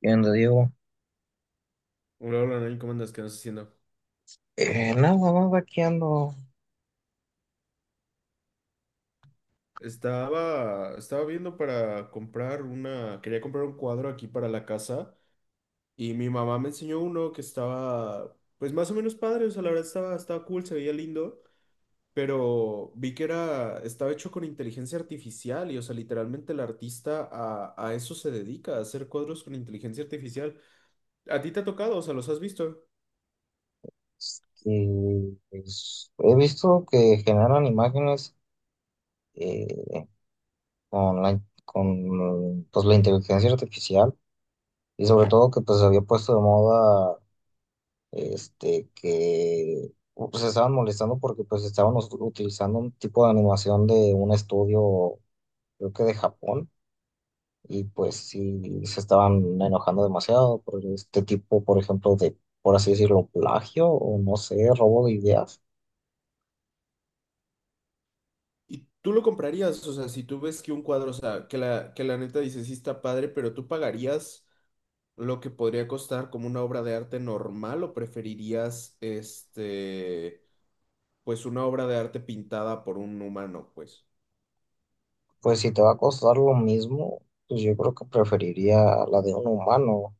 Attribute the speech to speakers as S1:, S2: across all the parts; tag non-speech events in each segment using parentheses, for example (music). S1: ¿Qué onda, Diego?
S2: Hola, hola, Nain, ¿cómo andas? ¿Qué andas haciendo?
S1: Nada más aquí ando.
S2: Estaba viendo para comprar una, quería comprar un cuadro aquí para la casa y mi mamá me enseñó uno que estaba, pues más o menos padre, o sea, la verdad estaba, cool, se veía lindo, pero vi que era, estaba hecho con inteligencia artificial y, o sea, literalmente el artista a eso se dedica, a hacer cuadros con inteligencia artificial. ¿A ti te ha tocado? O sea, ¿los has visto?
S1: He visto que generan imágenes eh, con con pues, la inteligencia artificial y sobre todo que pues se había puesto de moda que pues, se estaban molestando porque pues estaban utilizando un tipo de animación de un estudio, creo que de Japón, y pues sí se estaban enojando demasiado por este tipo, por ejemplo, de, por así decirlo, plagio o no sé, robo de ideas.
S2: Y tú lo comprarías, o sea, si tú ves que un cuadro, o sea, que la neta dices, sí está padre, pero tú pagarías lo que podría costar como una obra de arte normal o preferirías este, pues una obra de arte pintada por un humano, pues.
S1: Pues si te va a costar lo mismo, pues yo creo que preferiría la de un humano.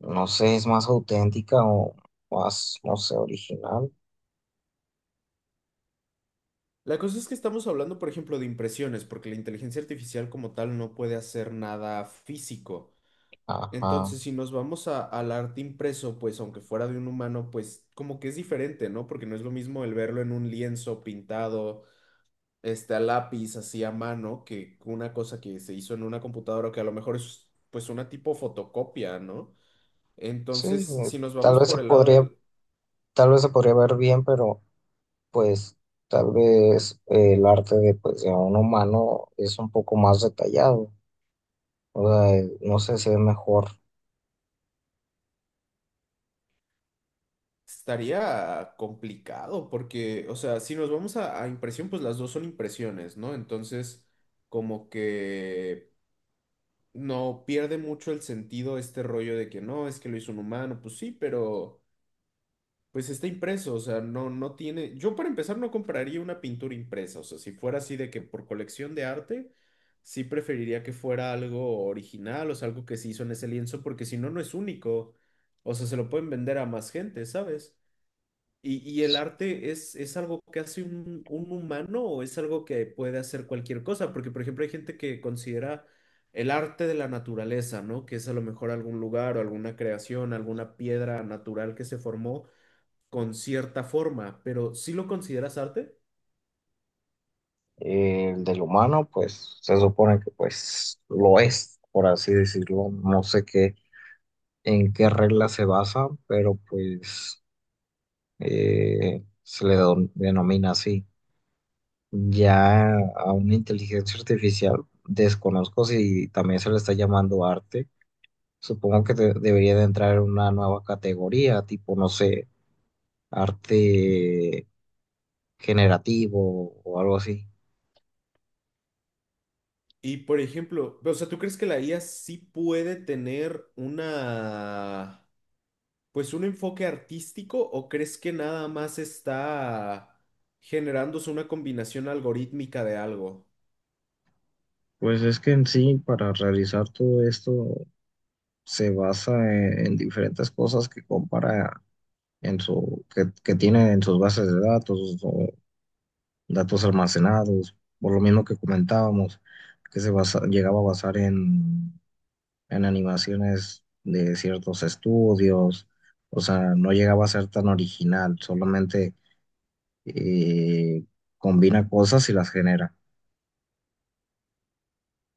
S1: No sé, es más auténtica o más, no sé, original.
S2: La cosa es que estamos hablando, por ejemplo, de impresiones, porque la inteligencia artificial como tal no puede hacer nada físico.
S1: Ajá.
S2: Entonces, si nos vamos a- al arte impreso, pues aunque fuera de un humano, pues como que es diferente, ¿no? Porque no es lo mismo el verlo en un lienzo pintado este, a lápiz, así a mano, que una cosa que se hizo en una computadora, que a lo mejor es pues una tipo fotocopia, ¿no?
S1: Sí,
S2: Entonces, si nos
S1: tal
S2: vamos
S1: vez se
S2: por el lado
S1: podría,
S2: del...
S1: tal vez se podría ver bien, pero pues tal vez el arte de, pues, de un humano es un poco más detallado. O sea, no sé, se ve mejor.
S2: Estaría complicado porque, o sea, si nos vamos a impresión, pues las dos son impresiones, ¿no? Entonces, como que no pierde mucho el sentido este rollo de que no, es que lo hizo un humano, pues sí, pero... Pues está impreso, o sea, no tiene. Yo para empezar no compraría una pintura impresa, o sea, si fuera así de que por colección de arte, sí preferiría que fuera algo original, o sea, algo que se hizo en ese lienzo, porque si no, no es único. O sea, se lo pueden vender a más gente, ¿sabes? Y el arte es algo que hace un humano o es algo que puede hacer cualquier cosa, porque por ejemplo hay gente que considera el arte de la naturaleza, ¿no? Que es a lo mejor algún lugar o alguna creación, alguna piedra natural que se formó con cierta forma, pero ¿sí lo consideras arte?
S1: El del humano, pues se supone que pues lo es, por así decirlo. No sé qué, en qué regla se basa, pero pues se le denomina así. Ya a una inteligencia artificial, desconozco si también se le está llamando arte. Supongo que debería de entrar en una nueva categoría, tipo, no sé, arte generativo o algo así.
S2: Y por ejemplo, o sea, ¿tú crees que la IA sí puede tener una, pues un enfoque artístico o crees que nada más está generándose una combinación algorítmica de algo?
S1: Pues es que en sí, para realizar todo esto se basa en diferentes cosas que compara en su, que tiene en sus bases de datos o datos almacenados, por lo mismo que comentábamos, que se llegaba a basar en animaciones de ciertos estudios. O sea, no llegaba a ser tan original, solamente eh, combina cosas y las genera.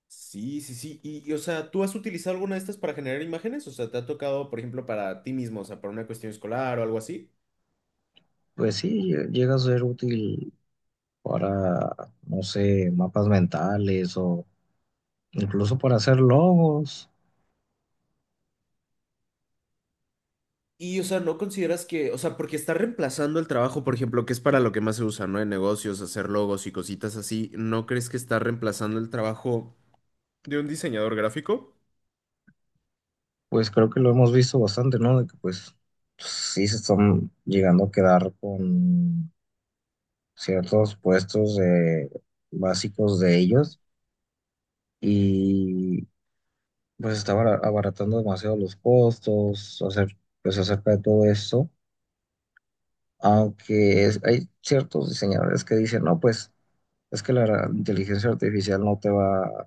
S2: Sí, sí, sí. O sea, ¿tú has utilizado alguna de estas para generar imágenes? O sea, ¿te ha tocado, por ejemplo, para ti mismo, o sea, para una cuestión escolar o algo así?
S1: Pues sí, llega a ser útil para, no sé, mapas mentales o incluso para hacer logos.
S2: Y, o sea, ¿no consideras que, o sea, porque está reemplazando el trabajo, por ejemplo, que es para lo que más se usa, ¿no? En negocios, hacer logos y cositas así, ¿no crees que está reemplazando el trabajo de un diseñador gráfico?
S1: Pues creo que lo hemos visto bastante, ¿no? De que pues sí se están llegando a quedar con ciertos puestos básicos de ellos, y pues está abaratando demasiado los costos, hacer, pues acerca de todo esto, aunque hay ciertos diseñadores que dicen, no, pues es que la inteligencia artificial no te va,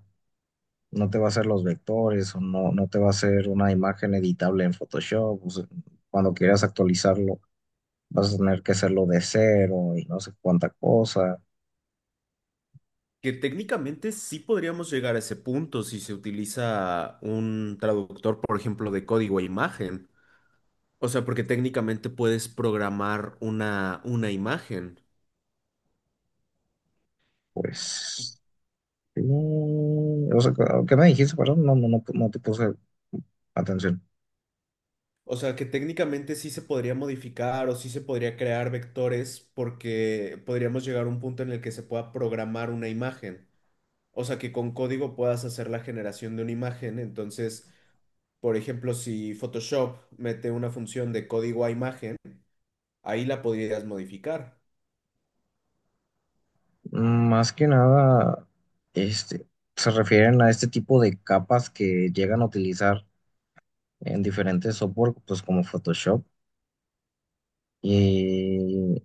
S1: no te va a hacer los vectores o no, no te va a hacer una imagen editable en Photoshop. O sea, cuando quieras actualizarlo, vas a tener que hacerlo de cero y no sé cuánta cosa.
S2: Que técnicamente sí podríamos llegar a ese punto si se utiliza un traductor, por ejemplo, de código a imagen. O sea, porque técnicamente puedes programar una imagen.
S1: Pues, sí, o sea, ¿qué me dijiste? Perdón, no, no, no, no te puse atención.
S2: O sea, que técnicamente sí se podría modificar o sí se podría crear vectores porque podríamos llegar a un punto en el que se pueda programar una imagen. O sea, que con código puedas hacer la generación de una imagen. Entonces, por ejemplo, si Photoshop mete una función de código a imagen, ahí la podrías modificar.
S1: Más que nada, este, se refieren a este tipo de capas que llegan a utilizar en diferentes software, pues como Photoshop. Y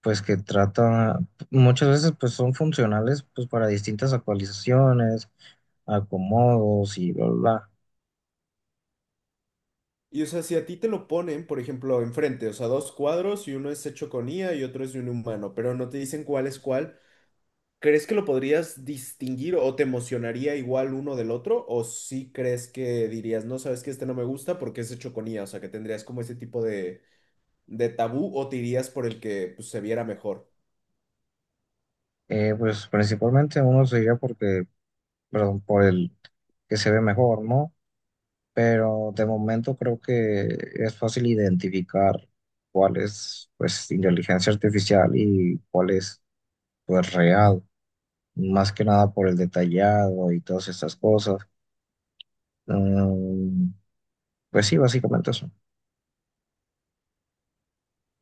S1: pues que trata, muchas veces pues son funcionales pues para distintas actualizaciones, acomodos y bla, bla, bla.
S2: Y o sea, si a ti te lo ponen, por ejemplo, enfrente, o sea, dos cuadros y uno es hecho con IA y otro es de un humano, pero no te dicen cuál es cuál. ¿Crees que lo podrías distinguir o te emocionaría igual uno del otro? ¿O sí crees que dirías, no, sabes que este no me gusta porque es de choconía? O sea, que tendrías como ese tipo de tabú o te irías por el que pues, se viera mejor.
S1: Pues principalmente uno se diría porque, perdón, por el que se ve mejor, ¿no? Pero de momento creo que es fácil identificar cuál es pues inteligencia artificial y cuál es pues real, más que nada por el detallado y todas estas cosas. Mm, pues sí, básicamente eso.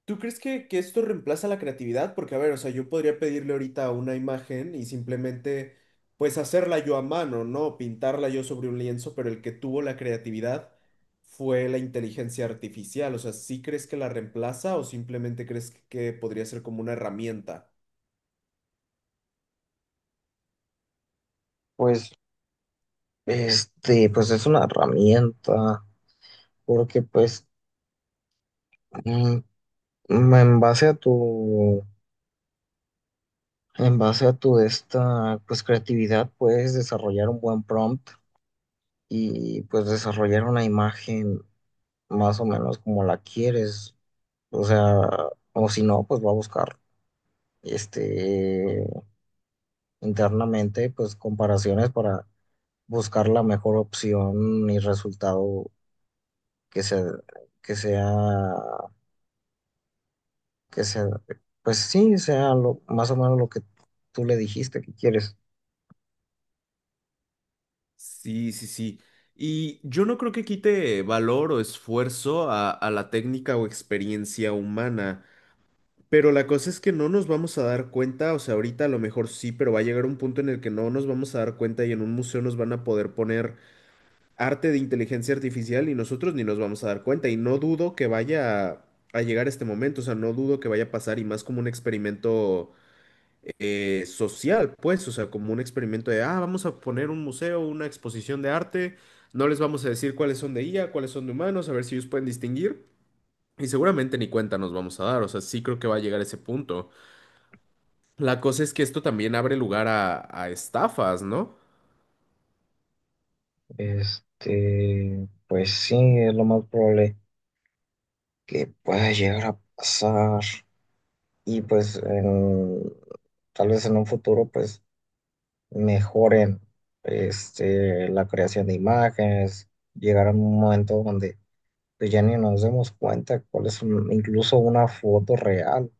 S2: ¿Tú crees que esto reemplaza la creatividad? Porque, a ver, o sea, yo podría pedirle ahorita una imagen y simplemente, pues, hacerla yo a mano, ¿no? Pintarla yo sobre un lienzo, pero el que tuvo la creatividad fue la inteligencia artificial. O sea, ¿sí crees que la reemplaza o simplemente crees que podría ser como una herramienta?
S1: pues Este, pues es una herramienta, porque pues mm, en base a tu, en base a tu esta, pues creatividad puedes desarrollar un buen prompt y pues desarrollar una imagen más o menos como la quieres, o sea, o si no, pues va a buscar este internamente pues comparaciones para buscar la mejor opción y resultado que se que sea que sea, pues sí, sea lo, más o menos lo que tú le dijiste que quieres.
S2: Sí, sí, sí. Y yo no creo que quite valor o esfuerzo a la técnica o experiencia humana. Pero la cosa es que no nos vamos a dar cuenta, o sea, ahorita a lo mejor sí, pero va a llegar un punto en el que no nos vamos a dar cuenta y en un museo nos van a poder poner arte de inteligencia artificial y nosotros ni nos vamos a dar cuenta. Y no dudo que vaya a llegar este momento, o sea, no dudo que vaya a pasar y más como un experimento social, pues, o sea, como un experimento de, ah, vamos a poner un museo, una exposición de arte, no les vamos a decir cuáles son de IA, cuáles son de humanos, a ver si ellos pueden distinguir. Y seguramente ni cuenta nos vamos a dar, o sea, sí creo que va a llegar ese punto. La cosa es que esto también abre lugar a estafas, ¿no?
S1: Este, pues sí, es lo más probable que pueda llegar a pasar. Y pues tal vez en un futuro, pues mejoren este, la creación de imágenes, llegar a un momento donde pues, ya ni nos demos cuenta cuál es incluso una foto real.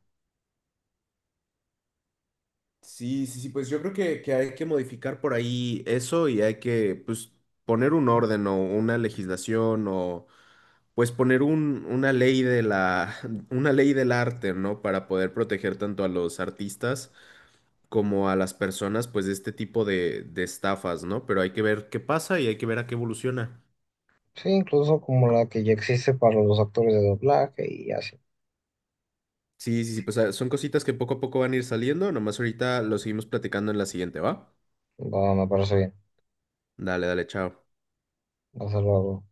S2: Sí, sí, sí, pues yo creo que hay que modificar por ahí eso y hay que, pues, poner un orden o una legislación o, pues, poner un, una ley de la, (laughs) una ley del arte, ¿no? Para poder proteger tanto a los artistas como a las personas, pues, de este tipo de estafas, ¿no? Pero hay que ver qué pasa y hay que ver a qué evoluciona.
S1: Sí, incluso como la que ya existe para los actores de doblaje y así.
S2: Sí, sí, sí, pues ah, son cositas que poco a poco van a ir saliendo, nomás ahorita lo seguimos platicando en la siguiente, ¿va?
S1: Va, me parece bien.
S2: Dale, dale, chao.
S1: Hasta luego.